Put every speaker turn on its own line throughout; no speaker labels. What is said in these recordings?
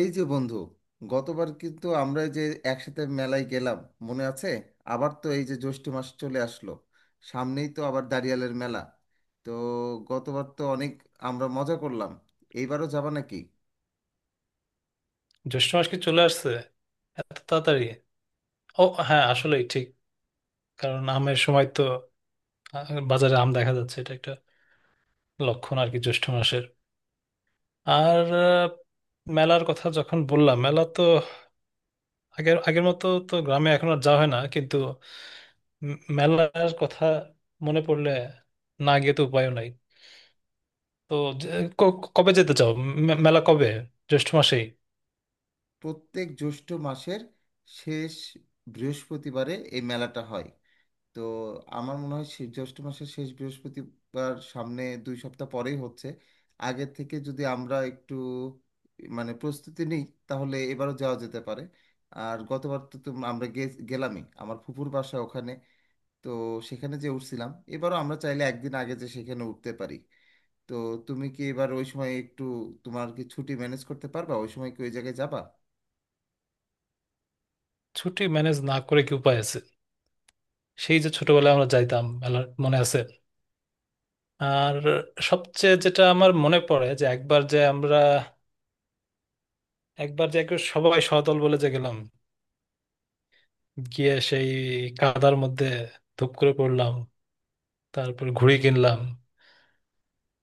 এই যে বন্ধু, গতবার কিন্তু আমরা যে একসাথে মেলায় গেলাম মনে আছে? আবার তো এই যে জ্যৈষ্ঠ মাস চলে আসলো, সামনেই তো আবার দাঁড়িয়ালের মেলা। তো গতবার তো অনেক আমরা মজা করলাম, এইবারও যাবা নাকি?
জ্যৈষ্ঠ মাস কি চলে আসছে এত তাড়াতাড়ি? ও হ্যাঁ, আসলেই ঠিক। কারণ আমের সময় তো, বাজারে আম দেখা যাচ্ছে এটা একটা লক্ষণ আর কি জ্যৈষ্ঠ মাসের। আর মেলার কথা যখন বললাম, মেলা তো আগের আগের মতো তো গ্রামে এখন আর যাওয়া হয় না, কিন্তু মেলার কথা মনে পড়লে না গিয়ে তো উপায়ও নাই। তো যে- কবে যেতে চাও? মেলা কবে, জ্যৈষ্ঠ মাসেই?
প্রত্যেক জ্যৈষ্ঠ মাসের শেষ বৃহস্পতিবারে এই মেলাটা হয়। তো আমার মনে হয় জ্যৈষ্ঠ মাসের শেষ বৃহস্পতিবার সামনে 2 সপ্তাহ পরেই হচ্ছে। আগের থেকে যদি আমরা একটু মানে প্রস্তুতি নিই তাহলে এবারও যাওয়া যেতে পারে। আর গতবার তো আমরা গেলামই আমার ফুফুর বাসা ওখানে। তো সেখানে যে উঠছিলাম, এবারও আমরা চাইলে একদিন আগে যে সেখানে উঠতে পারি। তো তুমি কি এবার ওই সময় একটু, তোমার কি ছুটি ম্যানেজ করতে পারবা, ওই সময় কি ওই জায়গায় যাবা?
ছুটি ম্যানেজ না করে কি উপায় আছে? সেই যে ছোটবেলায় আমরা যাইতাম মেলার, মনে আছে? আর সবচেয়ে যেটা আমার মনে পড়ে যে একবার যে আমরা একবার যে একে সবাই সদল বলে যে গেলাম, গিয়ে সেই কাদার মধ্যে ধুপ করে পড়লাম, তারপর ঘুড়ি কিনলাম।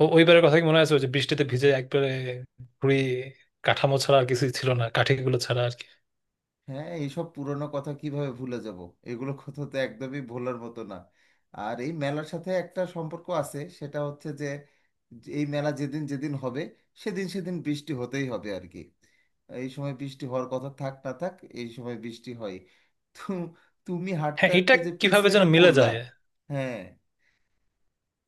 ও ওইবারের কথা কি মনে আছে, ওই যে বৃষ্টিতে ভিজে একবারে ঘুড়ি কাঠামো ছাড়া আর কিছুই ছিল না, কাঠিগুলো ছাড়া আর কি।
হ্যাঁ, এইসব পুরনো কথা কিভাবে ভুলে যাব, এগুলো কথা তো একদমই ভোলার মতো না। আর এই মেলার সাথে একটা সম্পর্ক আছে, সেটা হচ্ছে যে যে এই মেলা যেদিন যেদিন হবে সেদিন সেদিন বৃষ্টি হতেই হবে আর কি। এই সময় বৃষ্টি হওয়ার কথা থাক না থাক, এই সময় বৃষ্টি হয়। তো তুমি হাঁটতে
হ্যাঁ, এটা
হাঁটতে যে
কিভাবে যেন
পিছলেটা
মিলে
পড়লা।
যায়।
হ্যাঁ,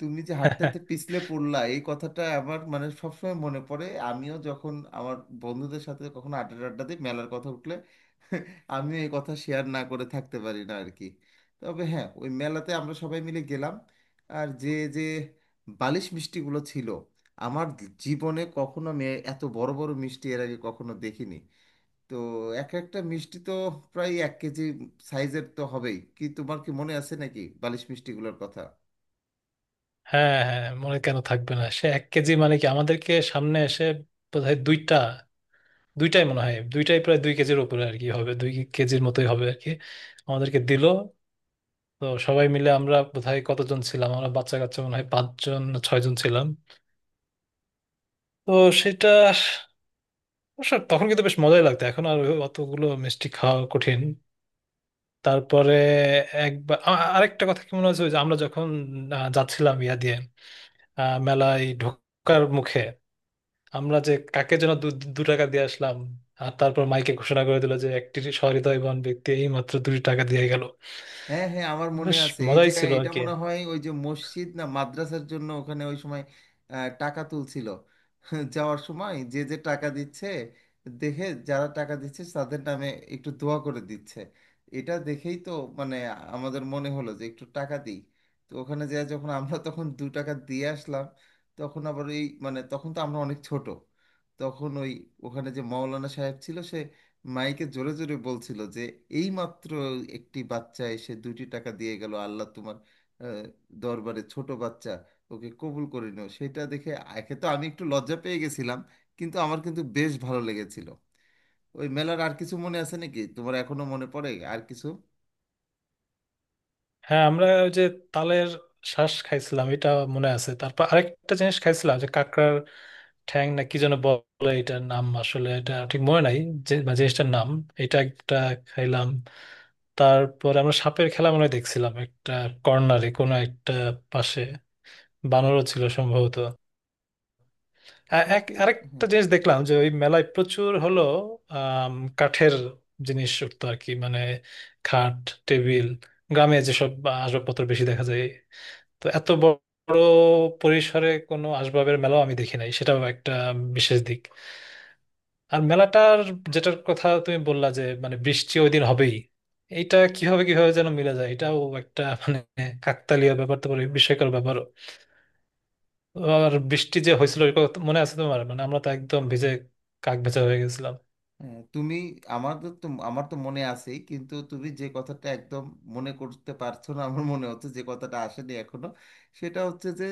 তুমি যে হাঁটতে হাঁটতে পিছলে পড়লা এই কথাটা আমার মানে সবসময় মনে পড়ে, আমিও যখন আমার বন্ধুদের সাথে কখনো আড্ডা আড্ডা দিই মেলার কথা উঠলে আমিও এই কথা শেয়ার না করে থাকতে পারি না আর কি। তবে হ্যাঁ, ওই মেলাতে আমরা সবাই মিলে গেলাম। আর যে যে বালিশ মিষ্টিগুলো ছিল, আমার জীবনে কখনো আমি এত বড় বড় মিষ্টি এর আগে কখনো দেখিনি। তো এক একটা মিষ্টি তো প্রায় 1 কেজি সাইজের তো হবেই। কি তোমার কি মনে আছে নাকি বালিশ মিষ্টিগুলোর কথা?
হ্যাঁ হ্যাঁ, মনে কেন থাকবে না, সে 1 কেজি মানে কি? আমাদেরকে সামনে এসে বোধহয় দুইটা, দুইটাই মনে হয় দুইটাই প্রায় 2 কেজির উপরে আর কি হবে, 2 কেজির মতোই হবে আর কি, আমাদেরকে দিল। তো সবাই মিলে আমরা বোধহয় কতজন ছিলাম, আমরা বাচ্চা কাচ্চা মনে হয় 5 জন না 6 জন ছিলাম। তো সেটা অবশ্য তখন কিন্তু বেশ মজাই লাগতো, এখন আর ওই অতগুলো মিষ্টি খাওয়া কঠিন। তারপরে একবার আরেকটা কথা কি মনে হয়েছে, ওই যে আমরা যখন যাচ্ছিলাম ইয়া দিয়ে মেলায় ঢোকার মুখে, আমরা যে কাকে যেন দু দু টাকা দিয়ে আসলাম, আর তারপর মাইকে ঘোষণা করে দিল যে একটি সহৃদয়বান ব্যক্তি এই মাত্র 2 টাকা দিয়ে গেল।
হ্যাঁ হ্যাঁ, আমার মনে
বেশ
আছে এই যে,
মজাই ছিল আর
এটা
কি।
মনে হয় ওই যে মসজিদ না মাদ্রাসার জন্য ওখানে ওই সময় টাকা তুলছিল। যাওয়ার সময় যে যে টাকা দিচ্ছে দেখে, যারা টাকা দিচ্ছে তাদের নামে একটু দোয়া করে দিচ্ছে। এটা দেখেই তো মানে আমাদের মনে হলো যে একটু টাকা দিই। তো ওখানে যখন আমরা তখন 2 টাকা দিয়ে আসলাম। তখন আবার এই মানে তখন তো আমরা অনেক ছোট। তখন ওখানে যে মাওলানা সাহেব ছিল, সে মাইকে জোরে জোরে বলছিল যে এই মাত্র একটি বাচ্চা এসে 2টি টাকা দিয়ে গেল, আল্লাহ তোমার আহ, দরবারে ছোট বাচ্চা ওকে কবুল করে নিও। সেটা দেখে একে তো আমি একটু লজ্জা পেয়ে গেছিলাম, কিন্তু আমার কিন্তু বেশ ভালো লেগেছিল। ওই মেলার আর কিছু মনে আছে নাকি, তোমার এখনো মনে পড়ে আর কিছু?
হ্যাঁ, আমরা ওই যে তালের শ্বাস খাইছিলাম, এটা মনে আছে। তারপর আরেকটা জিনিস খাইছিলাম যে কাঁকড়ার ঠ্যাং না কি যেন বলে, এটার নাম আসলে এটা ঠিক মনে নাই, যে বা জিনিসটার নাম। এটা একটা খাইলাম। তারপর আমরা সাপের খেলা মনে হয় দেখছিলাম একটা কর্নারে, কোনো একটা পাশে বানরও ছিল সম্ভবত। আ- এক
সাপের,
আরেকটা
হ্যাঁ
জিনিস দেখলাম যে ওই মেলায় প্রচুর হলো আম, কাঠের জিনিস উঠতো আর কি, মানে খাট, টেবিল, গ্রামে যেসব আসবাবপত্র বেশি দেখা যায়। তো এত বড় পরিসরে কোনো আসবাবের মেলাও আমি দেখি নাই, সেটাও একটা বিশেষ দিক। আর মেলাটার যেটার কথা তুমি বললা যে মানে বৃষ্টি ওই দিন হবেই, এইটা কিভাবে কিভাবে যেন মিলে যায়, এটাও একটা মানে কাকতালীয় ব্যাপার তো বলে, বিস্ময়কর ব্যাপার। আর বৃষ্টি যে হয়েছিল ওই কথা মনে আছে তোমার? মানে আমরা তো একদম ভিজে কাক ভেজা হয়ে গেছিলাম।
হ্যাঁ। তুমি, আমাদের তো, আমার তো মনে আছেই কিন্তু তুমি যে কথাটা একদম মনে করতে পারছো না আমার মনে হচ্ছে যে কথাটা আসেনি এখনো। সেটা হচ্ছে যে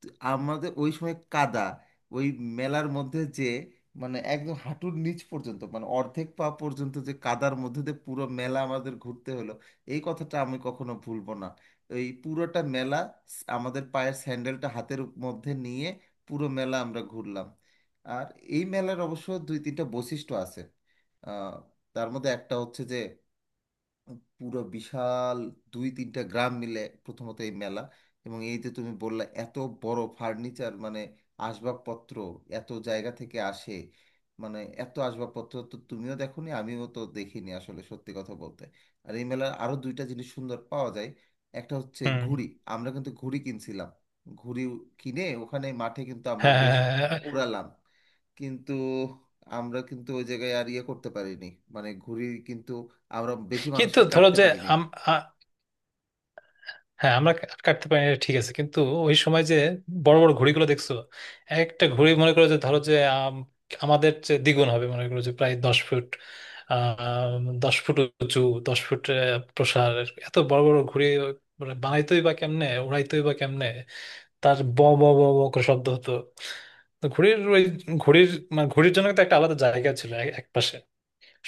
আমাদের ওই সময় কাদা, ওই মেলার মধ্যে যে, মানে একদম হাঁটুর নিচ পর্যন্ত মানে অর্ধেক পা পর্যন্ত যে কাদার মধ্যে দিয়ে পুরো মেলা আমাদের ঘুরতে হলো। এই কথাটা আমি কখনো ভুলবো না। এই পুরোটা মেলা আমাদের পায়ের স্যান্ডেলটা হাতের মধ্যে নিয়ে পুরো মেলা আমরা ঘুরলাম। আর এই মেলার অবশ্য দুই তিনটা বৈশিষ্ট্য আছে। আহ, তার মধ্যে একটা হচ্ছে যে পুরো বিশাল দুই তিনটা গ্রাম মিলে প্রথমত এই মেলা। এবং এই যে তুমি বললা এত বড় ফার্নিচার মানে আসবাবপত্র এত জায়গা থেকে আসে। মানে এত আসবাবপত্র তো তুমিও দেখোনি আমিও তো দেখিনি আসলে সত্যি কথা বলতে। আর এই মেলার আরো দুইটা জিনিস সুন্দর পাওয়া যায়। একটা হচ্ছে
হুম।
ঘুড়ি। আমরা কিন্তু ঘুড়ি কিনছিলাম। ঘুড়ি কিনে ওখানে মাঠে কিন্তু আমরা
হ্যাঁ হ্যাঁ,
বেশ
হ্যাঁ, হ্যাঁ।
ওড়ালাম। কিন্তু আমরা কিন্তু ওই জায়গায় আর ইয়ে করতে পারিনি। মানে ঘুড়ি কিন্তু আমরা বেশি
কিন্তু
মানুষকে
ধরো
কাটতে
যে
পারিনি।
আম- আ- হ্যাঁ, আমরা কাটতে পারি না, ঠিক আছে, কিন্তু ওই সময় যে বড় বড় ঘুড়িগুলো দেখছো, একটা ঘুড়ি মনে করো যে ধরো যে আমাদের যে দ্বিগুণ হবে, মনে করো যে প্রায় 10 ফুট, আহ 10 ফুট উঁচু, 10 ফুট প্রসার। এত বড় বড় ঘুড়ি মানে বানাইতোই বা কেমনে, উড়াইতোই বা কেমনে, তার ব ব ব ব করে শব্দ হতো। তো ঘুড়ির ওই ঘুড়ির মানে ঘুড়ির জন্য তো একটা আলাদা জায়গা ছিল এক এক পাশে,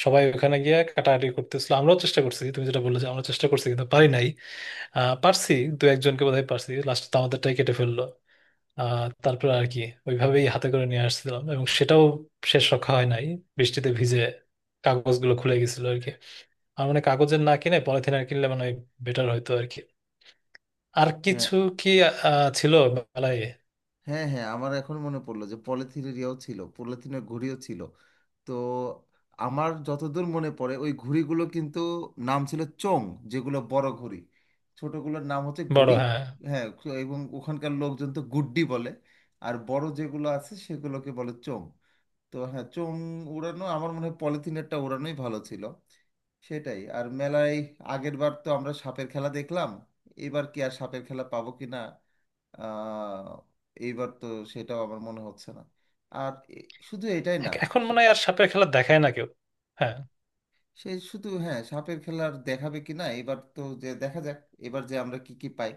সবাই ওখানে গিয়ে কাটাকাটি করতেছিল। আমরাও চেষ্টা করছি, তুমি যেটা বললে যে আমরা চেষ্টা করছি কিন্তু পারি নাই। পারছি, দু একজনকে বোধহয় পারছি, লাস্ট তো আমাদেরটাই কেটে ফেললো। তারপর আর কি ওইভাবেই হাতে করে নিয়ে আসছিলাম, এবং সেটাও শেষ রক্ষা হয় নাই। বৃষ্টিতে ভিজে কাগজগুলো খুলে গেছিল আর কি। আর মানে কাগজের না কিনে পলিথিন আর কিনলে মানে বেটার হয়তো আর কি। আর
হ্যাঁ
কিছু কি ছিল মেলায়?
হ্যাঁ, হ্যাঁ আমার এখন মনে পড়লো যে পলিথিনের ইয়েও ছিল, পলিথিনের ঘুড়িও ছিল। তো আমার যতদূর মনে পড়ে ওই ঘুড়িগুলো কিন্তু নাম ছিল চোং, যেগুলো বড় ঘুড়ি। ছোটগুলোর নাম হচ্ছে
বড়,
ঘুড়ি।
হ্যাঁ।
হ্যাঁ, এবং ওখানকার লোকজন তো গুড্ডি বলে, আর বড় যেগুলো আছে সেগুলোকে বলে চোং। তো হ্যাঁ, চোঙ উড়ানো আমার মনে হয় পলিথিনেরটা উড়ানোই ভালো ছিল। সেটাই। আর মেলায় আগের বার তো আমরা সাপের খেলা দেখলাম, এবার কি আর সাপের খেলা পাবো কি না, আহ, এইবার তো সেটাও আমার মনে হচ্ছে না। আর শুধু এটাই না,
এখন মনে হয় আর সাপের খেলা দেখায় না কেউ। হ্যাঁ
সে শুধু হ্যাঁ সাপের খেলার দেখাবে কিনা এবার তো, যে দেখা যাক এবার যে আমরা কি কি পাই,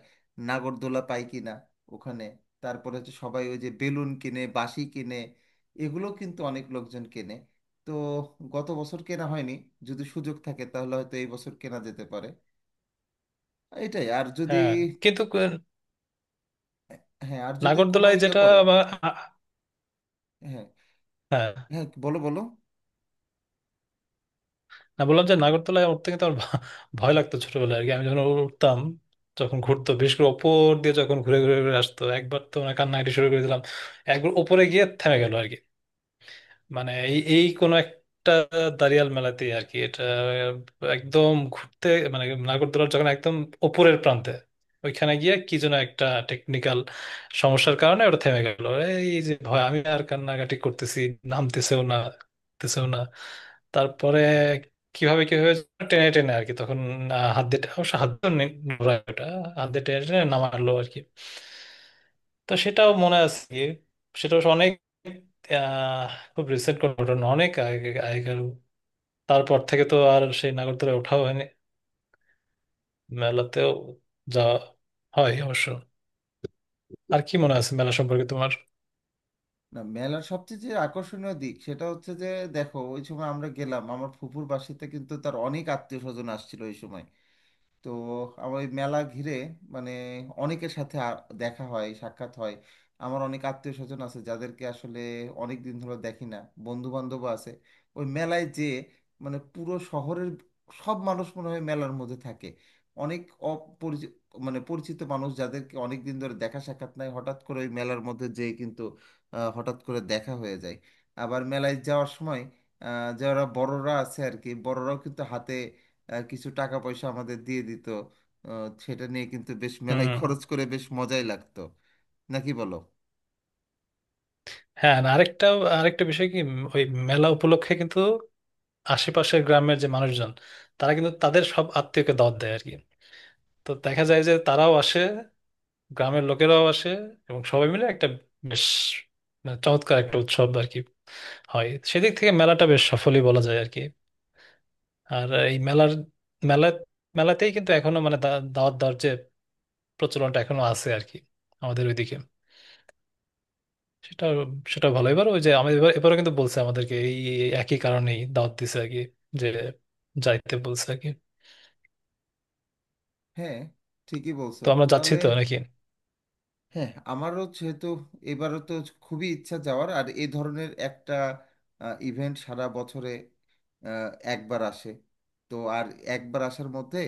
নাগরদোলা পাই কিনা ওখানে। তারপরে হচ্ছে সবাই ওই যে বেলুন কিনে বাঁশি কিনে এগুলো কিন্তু অনেক লোকজন কেনে। তো গত বছর কেনা হয়নি, যদি সুযোগ থাকে তাহলে হয়তো এই বছর কেনা যেতে পারে। এটাই। আর যদি,
হ্যাঁ। কিন্তু
হ্যাঁ আর যদি কোনো
নাগরদোলায়
ইয়ে
যেটা
করে,
বা- আ- আ-
হ্যাঁ
হ্যাঁ,
হ্যাঁ বলো বলো।
না, বললাম যে নাগরদোলায় উঠতে কিন্তু আমার ভয় লাগতো ছোটবেলায় আর কি। আমি যখন উঠতাম, যখন ঘুরতো, বিশেষ করে ওপর দিয়ে যখন ঘুরে ঘুরে ঘুরে আসতো, একবার তো মানে কান্নাকাটি শুরু করে দিলাম। একবার ওপরে গিয়ে থেমে গেল আর কি, মানে এই এই কোনো একটা দাঁড়িয়াল মেলাতে আর কি। এটা একদম ঘুরতে মানে নাগরদোলার যখন একদম ওপরের প্রান্তে ওইখানে গিয়ে কি যেন একটা টেকনিক্যাল সমস্যার কারণে ওটা থেমে গেল। এই যে ভয় আমি আর কান্নাকাটি করতেছি, নামতেছেও না, নামতেছেও না। তারপরে কিভাবে কি হয়েছে, টেনে টেনে আর কি তখন আহ, হাত দিয়ে অবশ্য হাত দিয়ে নি- ওটা হাত দিয়ে টেনে টেনে নামালো আর কি। তো সেটাও মনে আছে গিয়ে। সেটা অবশ্য অনেক আহ, খুব রিসেন্ট কোনো ঘটনা, অনেক আগে আগেকার। তারপর থেকে তো আর সেই নাগরদোলায় ওঠাও হয়নি, মেলাতেও যাওয়া হয় অবশ্য। আর কি মনে আছে মেলা সম্পর্কে তোমার?
না, মেলার সবচেয়ে যে আকর্ষণীয় দিক সেটা হচ্ছে যে দেখো ওই সময় আমরা গেলাম আমার ফুফুর বাসাতে, কিন্তু তার অনেক আত্মীয় স্বজন আসছিল ওই সময়। তো আমার ওই মেলা ঘিরে মানে অনেকের সাথে দেখা হয় সাক্ষাৎ হয়। আমার অনেক আত্মীয় স্বজন আছে যাদেরকে আসলে অনেক দিন ধরে দেখি না, বন্ধু বান্ধব আছে। ওই মেলায় যে মানে পুরো শহরের সব মানুষ মনে হয় মেলার মধ্যে থাকে। অনেক অপরিচিত মানে পরিচিত মানুষ যাদেরকে অনেক দিন ধরে দেখা সাক্ষাৎ নাই, হঠাৎ করে ওই মেলার মধ্যে যেয়ে কিন্তু হঠাৎ করে দেখা হয়ে যায়। আবার মেলায় যাওয়ার সময় যারা বড়রা আছে আর কি, বড়রাও কিন্তু হাতে আর কিছু টাকা পয়সা আমাদের দিয়ে দিত। সেটা নিয়ে কিন্তু বেশ মেলায়
হুম।
খরচ করে বেশ মজাই লাগতো, নাকি বলো?
হ্যাঁ, না, আরেকটা আরেকটা বিষয় কি ওই মেলা উপলক্ষে কিন্তু আশেপাশের গ্রামের যে মানুষজন, তারা কিন্তু তাদের সব আত্মীয়কে দাওয়াত দেয় আর কি। তো দেখা যায় যে তারাও আসে, গ্রামের লোকেরাও আসে, এবং সবাই মিলে একটা বেশ মানে চমৎকার একটা উৎসব আর কি হয়। সেদিক থেকে মেলাটা বেশ সফলই বলা যায় আর কি। আর এই মেলার মেলা মেলাতেই কিন্তু এখনো মানে দাওয়াত দেওয়ার যে প্রচলনটা এখনো আছে আর কি আমাদের ওইদিকে। সেটা সেটা ভালো। এবার ওই যে আমি এবারও কিন্তু বলছে আমাদেরকে, এই এই একই কারণেই দাওয়াত দিছে আর কি, যে যাইতে বলছে আর কি।
হ্যাঁ, ঠিকই বলছো।
তো আমরা যাচ্ছি
তাহলে
তো, নাকি?
হ্যাঁ আমারও যেহেতু এবারও তো খুবই ইচ্ছা যাওয়ার। আর এই ধরনের একটা ইভেন্ট সারা বছরে আহ, একবার আসে। তো আর একবার আসার মধ্যে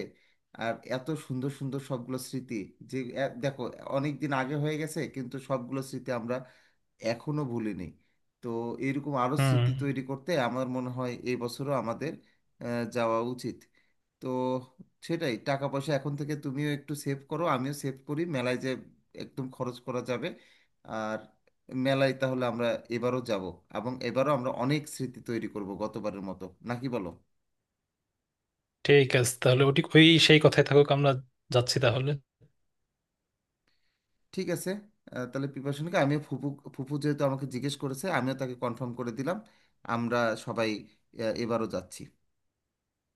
আর এত সুন্দর সুন্দর সবগুলো স্মৃতি যে, দেখো অনেক দিন আগে হয়ে গেছে কিন্তু সবগুলো স্মৃতি আমরা এখনো ভুলিনি। তো এরকম আরো স্মৃতি
হুম।
তৈরি করতে আমার মনে হয় এই বছরও আমাদের যাওয়া উচিত। তো সেটাই, টাকা পয়সা এখন থেকে তুমিও একটু সেভ করো, আমিও সেভ করি, মেলায় যে একদম খরচ করা যাবে। আর মেলায় তাহলে আমরা এবারও যাব, এবং এবারও আমরা অনেক স্মৃতি তৈরি করব গতবারের মতো। নাকি বলো?
ঠিক আছে, তাহলে ওটি ওই সেই কথাই থাকুক, আমরা যাচ্ছি তাহলে।
ঠিক আছে তাহলে প্রিপারেশনকে আমিও ফুপু ফুপু যেহেতু আমাকে জিজ্ঞেস করেছে আমিও তাকে কনফার্ম করে দিলাম, আমরা সবাই এবারও যাচ্ছি।